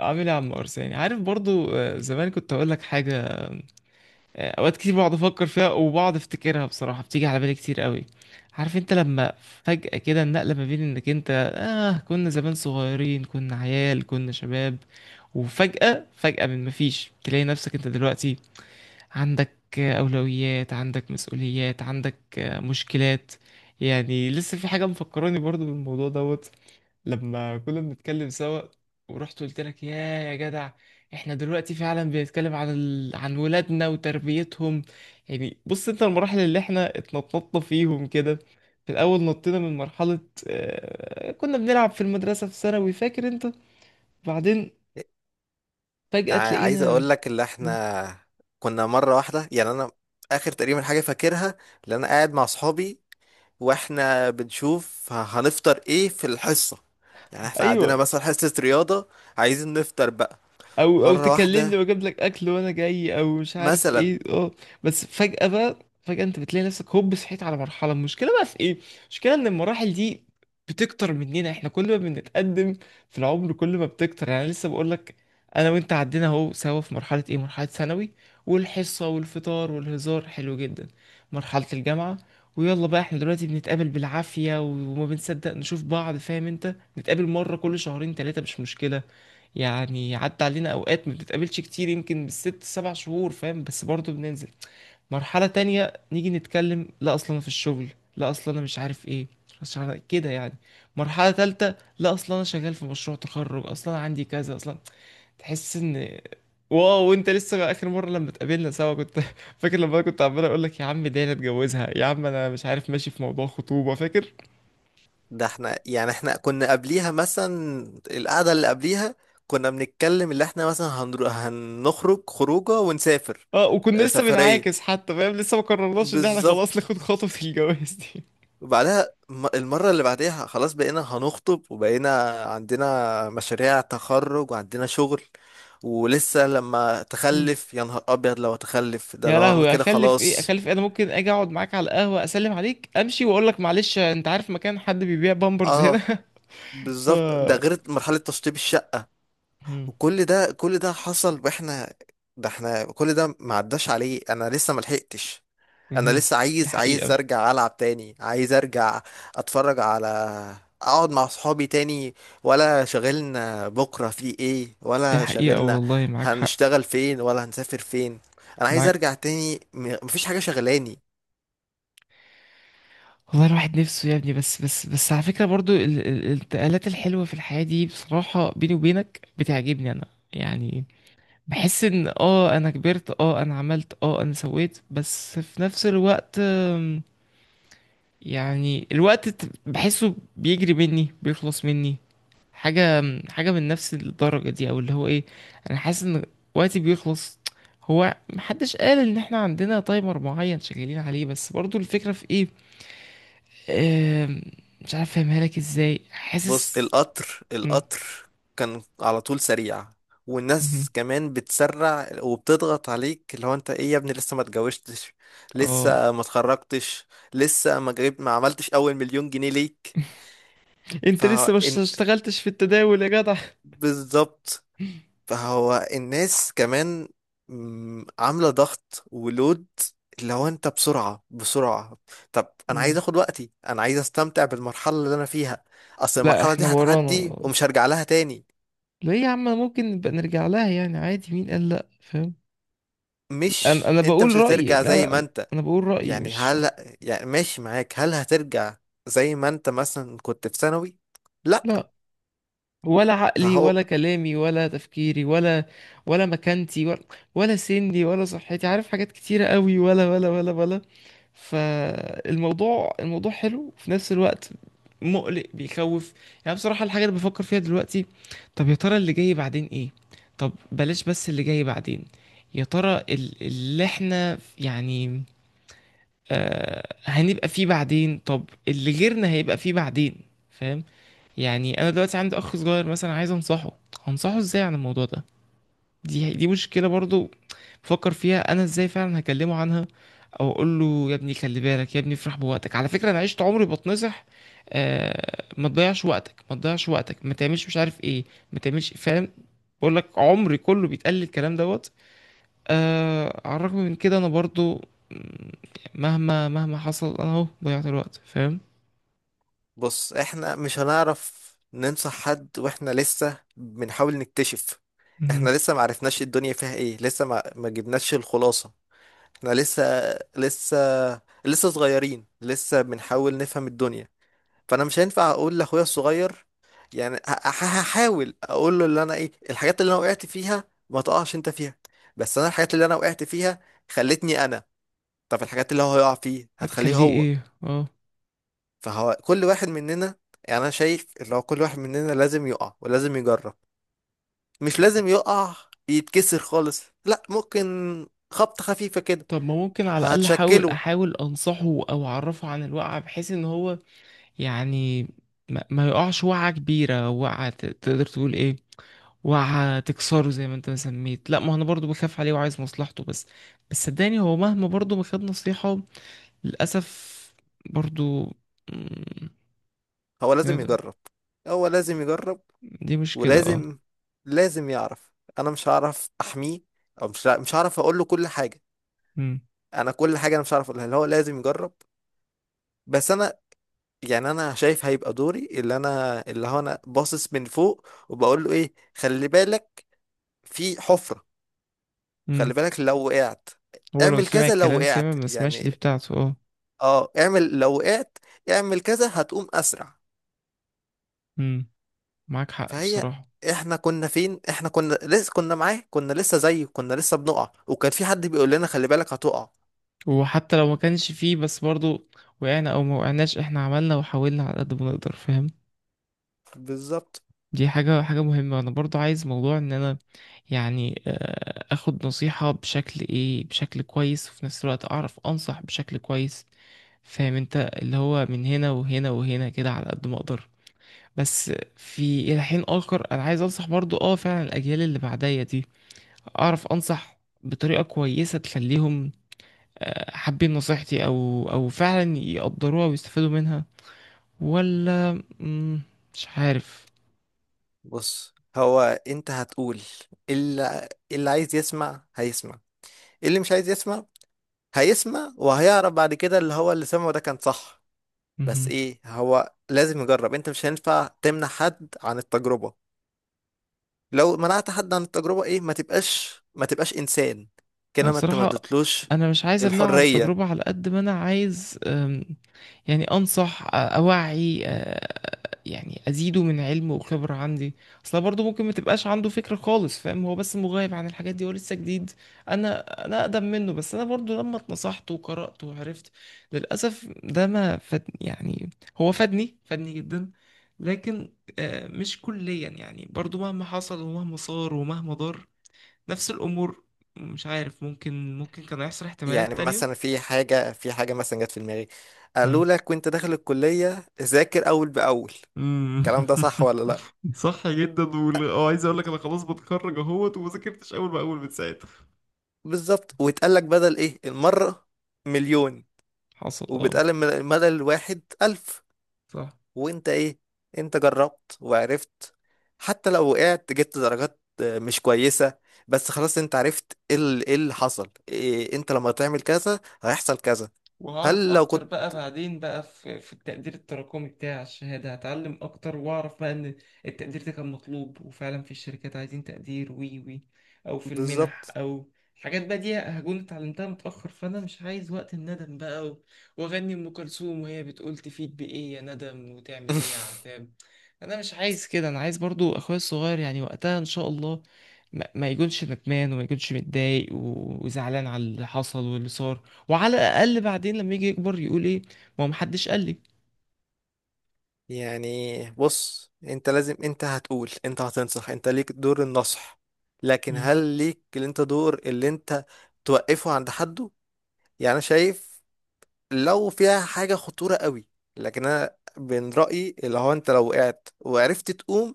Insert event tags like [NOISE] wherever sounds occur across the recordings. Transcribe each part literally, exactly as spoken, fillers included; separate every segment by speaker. Speaker 1: عامل ايه يا عم ارساني؟ عارف برضو. آه، زمان كنت اقول لك حاجه. آه، اوقات كتير بقعد افكر فيها، وبقعد افتكرها بصراحه، بتيجي على بالي كتير قوي. عارف انت، لما فجاه كده النقله ما بين انك انت، اه كنا زمان صغيرين، كنا عيال، كنا شباب. وفجاه فجاه من مفيش، تلاقي نفسك انت دلوقتي عندك آه، اولويات، عندك مسؤوليات، عندك آه، مشكلات. يعني لسه في حاجه مفكراني برضو بالموضوع دوت. لما كنا بنتكلم سوا، ورحت قلت لك: يا يا جدع، احنا دلوقتي فعلا بنتكلم عن ال... عن ولادنا وتربيتهم. يعني بص انت، المراحل اللي احنا اتنططنا فيهم كده، في الاول نطينا من مرحلة آه... كنا بنلعب في المدرسة في ثانوي، فاكر انت؟ بعدين
Speaker 2: ع-
Speaker 1: فجأة
Speaker 2: عايز
Speaker 1: تلاقينا.
Speaker 2: اقول لك اللي احنا كنا مره واحده. يعني انا اخر تقريبا حاجه فاكرها، اللي انا قاعد مع اصحابي واحنا بنشوف ه- هنفطر ايه في الحصه. يعني احنا
Speaker 1: ايوه،
Speaker 2: عندنا مثلا حصه رياضه، عايزين نفطر بقى
Speaker 1: او او
Speaker 2: مره واحده
Speaker 1: تكلمني واجيب لك اكل وانا جاي، او مش عارف
Speaker 2: مثلا.
Speaker 1: ايه اه بس فجأة بقى، فجأة انت بتلاقي نفسك، هوب، صحيت على مرحلة. المشكلة بقى في ايه؟ المشكلة ان المراحل دي بتكتر مننا احنا، كل ما بنتقدم في العمر كل ما بتكتر. يعني أنا لسه بقول لك، انا وانت عدينا اهو سوا في مرحلة ايه؟ مرحلة ثانوي والحصة والفطار والهزار حلو جدا. مرحلة الجامعة، ويلا بقى احنا دلوقتي بنتقابل بالعافية وما بنصدق نشوف بعض، فاهم انت؟ نتقابل مرة كل شهرين تلاتة، مش مشكلة. يعني عدى علينا اوقات ما بنتقابلش كتير، يمكن بالست سبع شهور، فاهم؟ بس برضه بننزل مرحلة تانية. نيجي نتكلم: لا، اصلا انا في الشغل. لا، اصلا انا مش عارف ايه، مش عارف كده يعني. مرحلة تالتة: لا، اصلا انا شغال في مشروع تخرج، اصلا أنا عندي كذا اصلا. تحس ان... واو، وانت لسه اخر مرة لما اتقابلنا سوا كنت [LAUGHS] فاكر، لما انا كنت عمال اقول لك: يا عم دي انا اتجوزها، يا عم انا مش عارف، ماشي في موضوع خطوبة، فاكر؟
Speaker 2: ده احنا يعني احنا كنا قبليها مثلا القعده اللي قبليها كنا بنتكلم اللي احنا مثلا هنرو... هنخرج خروجه ونسافر.
Speaker 1: اه وكنا
Speaker 2: آه،
Speaker 1: لسه بنعاكس
Speaker 2: سفريه،
Speaker 1: حتى، فاهم؟ لسه ما قررناش ان احنا خلاص
Speaker 2: بالظبط.
Speaker 1: ناخد خطوة الجواز دي.
Speaker 2: وبعدها الم- المرة اللي بعديها خلاص بقينا هنخطب وبقينا عندنا مشاريع تخرج وعندنا شغل. ولسه لما
Speaker 1: [LAUGHS]
Speaker 2: تخلف يا نهار أبيض، لو هتخلف ده
Speaker 1: يا
Speaker 2: لو أنا
Speaker 1: لهوي،
Speaker 2: كده
Speaker 1: اخلف ايه؟
Speaker 2: خلاص.
Speaker 1: اخلف ايه؟ انا ممكن اجي اقعد معاك على القهوه، اسلم عليك، امشي واقول لك: معلش انت عارف مكان حد بيبيع بامبرز هنا؟
Speaker 2: اه،
Speaker 1: [LAUGHS] ف
Speaker 2: بالظبط. ده غير مرحلة تشطيب الشقة.
Speaker 1: مم.
Speaker 2: وكل ده كل ده حصل واحنا، ده احنا كل ده ما عداش عليه، انا لسه ما لحقتش. انا
Speaker 1: مهم.
Speaker 2: لسه
Speaker 1: دي
Speaker 2: عايز عايز
Speaker 1: حقيقه.
Speaker 2: ارجع العب تاني، عايز ارجع اتفرج على، اقعد مع صحابي تاني، ولا شغلنا بكرة في ايه،
Speaker 1: دي
Speaker 2: ولا
Speaker 1: حقيقه
Speaker 2: شغلنا
Speaker 1: والله، معاك حق.
Speaker 2: هنشتغل فين، ولا هنسافر فين. انا عايز
Speaker 1: معاك
Speaker 2: ارجع تاني، م- مفيش حاجة شغلاني.
Speaker 1: والله الواحد نفسه يا ابني، بس بس بس على فكره، برضو ال- ال- الانتقالات الحلوه في الحياه دي بصراحه، بيني وبينك، بتعجبني انا. يعني بحس ان اه انا كبرت، اه انا عملت، اه انا سويت، بس في نفس الوقت أم، يعني الوقت ت- بحسه بيجري مني، بيخلص مني حاجة حاجة من نفس الدرجة دي، او اللي هو ايه. انا حاسس ان وقتي بيخلص. هو محدش قال ان احنا عندنا تايمر معين شغالين عليه، بس برضو الفكرة في ايه؟ آم، مش عارف افهمها لك ازاي،
Speaker 2: بص،
Speaker 1: حاسس
Speaker 2: القطر،
Speaker 1: مم،
Speaker 2: القطر كان على طول سريع،
Speaker 1: مهم.
Speaker 2: والناس كمان بتسرع وبتضغط عليك، اللي هو انت ايه يا ابني، لسه ما اتجوزتش،
Speaker 1: اه
Speaker 2: لسه ما اتخرجتش، لسه ما جربت ما عملتش اول مليون جنيه ليك. ف
Speaker 1: انت لسه مش اشتغلتش في التداول يا جدع؟
Speaker 2: بالظبط. فهو الناس كمان، مم، عاملة ضغط ولود، اللي هو انت بسرعة بسرعة. طب انا عايز
Speaker 1: مم.
Speaker 2: اخد وقتي، انا عايز استمتع بالمرحلة اللي انا فيها، اصل
Speaker 1: لا،
Speaker 2: المرحلة دي
Speaker 1: احنا ورانا.
Speaker 2: هتعدي ومش هرجع لها تاني.
Speaker 1: ليه يا عم ممكن نبقى نرجع لها يعني عادي، مين قال لا، فاهم؟ انا
Speaker 2: مش
Speaker 1: انا
Speaker 2: انت
Speaker 1: بقول
Speaker 2: مش
Speaker 1: رأيي،
Speaker 2: هترجع
Speaker 1: لا.
Speaker 2: زي ما
Speaker 1: لا،
Speaker 2: انت.
Speaker 1: انا بقول رأيي
Speaker 2: يعني
Speaker 1: مش
Speaker 2: هل يعني ماشي معاك، هل هترجع زي ما انت مثلا كنت في ثانوي؟ لا.
Speaker 1: لا. ولا عقلي
Speaker 2: فهو
Speaker 1: ولا كلامي ولا تفكيري ولا ولا مكانتي ولا ولا سني ولا صحتي، عارف حاجات كتيرة قوي، ولا ولا ولا ولا. فالموضوع الموضوع حلو وفي نفس الوقت مقلق، بيخوف. يعني بصراحة الحاجة اللي بفكر فيها دلوقتي، طب يا ترى اللي جاي بعدين ايه؟ طب بلاش. بس اللي جاي بعدين يا ترى، ال- اللي احنا يعني... آه هنبقى فيه بعدين، طب اللي غيرنا هيبقى فيه بعدين. فاهم؟ يعني انا دلوقتي عندي اخ صغير مثلا، عايز انصحه. هنصحه ازاي عن الموضوع ده؟ دي دي مشكلة برضو، بفكر فيها انا ازاي فعلا هكلمه عنها. او اقول له: يا ابني خلي بالك، يا ابني افرح بوقتك. على فكرة انا عشت عمري بتنصح. آه ما تضيعش وقتك، ما تضيعش وقتك، ما تعملش مش عارف ايه، ما تعملش، فاهم؟ بقول لك عمري كله بيتقال لي الكلام دوت. آه على الرغم من كده انا برضو مم، مهما مهما حصل، انا اهو ضيعت الوقت، فاهم؟
Speaker 2: بص، احنا مش هنعرف ننصح حد واحنا لسه بنحاول نكتشف. احنا
Speaker 1: مهم.
Speaker 2: لسه ما عرفناش الدنيا فيها ايه، لسه ما ما جبناش الخلاصة. احنا لسه لسه لسه صغيرين، لسه بنحاول نفهم الدنيا. فانا مش هينفع اقول لاخويا الصغير، يعني ه- ه- هحاول اقول له اللي انا ايه الحاجات اللي انا وقعت فيها، ما تقعش انت فيها. بس انا الحاجات اللي انا وقعت فيها خلتني انا، طب الحاجات اللي هو هيقع فيه هتخليه
Speaker 1: هتخليه
Speaker 2: هو.
Speaker 1: ايه؟ اه
Speaker 2: فهو كل واحد مننا، يعني انا شايف اللي هو كل واحد مننا لازم يقع ولازم يجرب. مش لازم يقع يتكسر خالص، لا، ممكن خبطة خفيفة كده
Speaker 1: طب ما ممكن على الأقل أحاول
Speaker 2: هتشكله.
Speaker 1: أحاول أنصحه، أو أعرفه عن الوقعة، بحيث إن هو يعني ما, ما يقعش وقعة كبيرة، وقعة ت- تقدر تقول إيه، وقعة تكسره زي ما أنت ما سميت. لا، ما أنا برضو بخاف عليه وعايز مصلحته، بس. بس صدقني هو مهما برضو ما خد نصيحة، للأسف برضو مم،
Speaker 2: هو
Speaker 1: إيه
Speaker 2: لازم
Speaker 1: ده؟
Speaker 2: يجرب هو لازم يجرب
Speaker 1: دي مشكلة اه
Speaker 2: ولازم لازم يعرف. انا مش هعرف احميه، او مش مش هعرف اقول له كل حاجة.
Speaker 1: مم.
Speaker 2: انا كل حاجة انا مش هعرف اقولها، اللي هو لازم يجرب. بس انا، يعني انا شايف هيبقى دوري اللي انا، اللي هو انا باصص من فوق وبقول له ايه، خلي بالك في حفرة،
Speaker 1: مم.
Speaker 2: خلي بالك لو وقعت
Speaker 1: هو لو
Speaker 2: اعمل
Speaker 1: سمع
Speaker 2: كذا، لو
Speaker 1: الكلام سامع،
Speaker 2: وقعت
Speaker 1: ما سمعش دي
Speaker 2: يعني،
Speaker 1: بتاعته اه
Speaker 2: اه اعمل لو وقعت اعمل كذا هتقوم اسرع.
Speaker 1: مم. معاك حق
Speaker 2: فهي
Speaker 1: بصراحة.
Speaker 2: احنا كنا فين، احنا كنا لسه كنا معاه، كنا لسه زيه، كنا لسه بنقع وكان في حد بيقول لنا خلي بالك هتقع.
Speaker 1: وحتى لو ما كانش فيه، بس برضو، وقعنا او ما وقعناش، احنا عملنا وحاولنا على قد ما نقدر، فاهم؟
Speaker 2: بالظبط.
Speaker 1: دي حاجة حاجة مهمة، انا برضو عايز موضوع ان انا يعني آه، اخد نصيحة بشكل ايه، بشكل كويس، وفي نفس الوقت اعرف انصح بشكل كويس. فاهم انت؟ اللي هو من هنا وهنا وهنا، كده على قد ما اقدر، بس. في الى حين اخر، انا عايز انصح برضو، اه فعلا الاجيال اللي بعدية دي اعرف انصح بطريقة كويسة تخليهم آه، حابين نصيحتي، او او فعلا يقدروها ويستفادوا منها. ولا مم، مش عارف.
Speaker 2: بص هو، انت هتقول اللي اللي عايز يسمع هيسمع، اللي مش عايز يسمع هيسمع وهيعرف بعد كده اللي هو اللي سمعه ده كان صح. بس
Speaker 1: مهم.
Speaker 2: ايه، هو لازم يجرب، انت مش هينفع تمنع حد عن التجربة. لو منعت حد عن التجربة ايه، ما تبقاش ما تبقاش انسان
Speaker 1: أنا
Speaker 2: كده، ما انت ما
Speaker 1: بصراحة،
Speaker 2: اديتلوش
Speaker 1: انا مش عايز امنعه عن
Speaker 2: الحرية.
Speaker 1: التجربة، على قد ما انا عايز. يعني انصح، آه، اوعي، آه، يعني ازيده من علم وخبرة عندي، اصلا برضو ممكن ما تبقاش عنده فكرة خالص، فاهم؟ هو بس مغيب عن الحاجات دي، هو لسه جديد. انا انا اقدم منه. بس انا برضو لما اتنصحت وقرأت وعرفت، للاسف ده ما فاد يعني. هو فادني فادني جدا، لكن آه، مش كليا يعني، برضو مهما حصل ومهما صار ومهما ضر، نفس الامور. مش عارف، ممكن ممكن كان هيحصل
Speaker 2: يعني
Speaker 1: احتمالات تانية.
Speaker 2: مثلا، في حاجة في حاجة مثلا جت في دماغي، قالوا لك وانت داخل الكلية ذاكر اول باول،
Speaker 1: مم.
Speaker 2: الكلام ده صح ولا لا؟
Speaker 1: [LAUGHS] صح جدا، وال... اه عايز اقول لك انا خلاص بتخرج اهوت، وما ذاكرتش اول باول من ساعتها.
Speaker 2: بالظبط. واتقال لك بدل ايه المرة، مليون.
Speaker 1: حصل، اه
Speaker 2: وبتقال الم- بدل الواحد ألف.
Speaker 1: صح.
Speaker 2: وانت ايه، انت جربت وعرفت، حتى لو وقعت جبت درجات مش كويسة، بس خلاص انت عرفت ايه ال- ايه اللي حصل، إيه انت لما تعمل كذا هيحصل كذا.
Speaker 1: وهعرف
Speaker 2: هل لو
Speaker 1: اكتر
Speaker 2: كنت
Speaker 1: بقى بعدين بقى، في في التقدير التراكمي بتاع الشهادة، هتعلم اكتر واعرف بقى ان التقدير ده كان مطلوب، وفعلا في الشركات عايزين تقدير وي وي او في المنح،
Speaker 2: بالظبط
Speaker 1: او الحاجات بقى دي هكون اتعلمتها متأخر، فانا مش عايز وقت الندم بقى و- واغني ام كلثوم وهي بتقول: تفيد بايه يا ندم، وتعمل ايه يا
Speaker 2: [LAUGHS]
Speaker 1: عذاب. انا مش عايز كده. انا عايز برضو اخويا الصغير يعني وقتها ان شاء الله ما ما يكونش ندمان، وما يكونش متضايق و- وزعلان على اللي حصل واللي صار. وعلى الاقل بعدين لما يجي يكبر يقول ايه؟ ما هو محدش قال لي.
Speaker 2: يعني بص انت لازم، انت هتقول، انت هتنصح، انت ليك دور النصح، لكن
Speaker 1: مم.
Speaker 2: هل ليك اللي انت دور اللي انت توقفه عند حده؟ يعني انا شايف لو فيها حاجة خطورة قوي، لكن أنا من رأيي اللي هو أنت لو وقعت وعرفت تقوم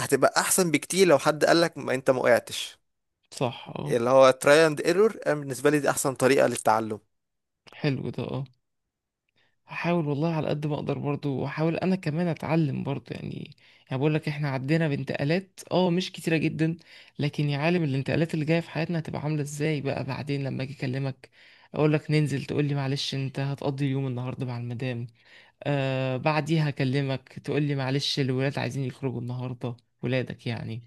Speaker 2: هتبقى أحسن بكتير لو حد قالك ما أنت ما وقعتش.
Speaker 1: صح، اه
Speaker 2: اللي هو تراي اند ايرور، أنا بالنسبة لي دي أحسن طريقة للتعلم.
Speaker 1: حلو ده اه هحاول والله على قد ما اقدر، برضو واحاول انا كمان اتعلم برضو يعني. يعني بقول لك، احنا عدينا بانتقالات اه مش كتيرة جدا. لكن يا عالم الانتقالات اللي جاية في حياتنا هتبقى عاملة ازاي بقى بعدين؟ لما اجي اكلمك اقول لك ننزل، تقول لي: معلش، انت هتقضي اليوم النهارده مع المدام. آه بعديها اكلمك، تقول لي: معلش، الولاد عايزين يخرجوا النهارده. ولادك يعني.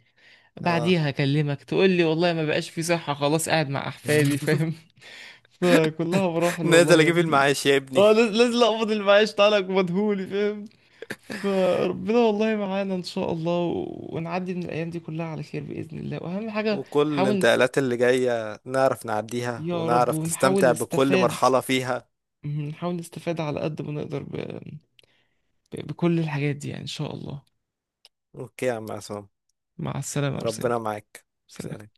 Speaker 2: آه
Speaker 1: بعديها اكلمك، تقول لي: والله ما بقاش في صحة، خلاص قاعد مع احفادي،
Speaker 2: [LAUGHS]
Speaker 1: فاهم؟ [LAUGHS] فكلها مراحل والله
Speaker 2: نازل
Speaker 1: يا
Speaker 2: أجيب
Speaker 1: ابني.
Speaker 2: المعاش يا ابني.
Speaker 1: اه لاز- لازم اقبض المعاش، تعالك مدهولي فاهم؟ فربنا والله معانا ان شاء الله، و- ونعدي من الايام دي كلها على خير باذن الله، واهم حاجه
Speaker 2: وكل
Speaker 1: نحاول نس-
Speaker 2: الانتقالات اللي جاية نعرف نعديها
Speaker 1: يا رب.
Speaker 2: ونعرف
Speaker 1: ونحاول
Speaker 2: نستمتع بكل
Speaker 1: نستفاد
Speaker 2: مرحلة فيها.
Speaker 1: مم، نحاول نستفاد على قد ما نقدر ب... ب... بكل الحاجات دي يعني ان شاء الله.
Speaker 2: أوكي يا عم عصام.
Speaker 1: مع السلامه يا ارسلان،
Speaker 2: ربنا معاك. سلام.
Speaker 1: سلام.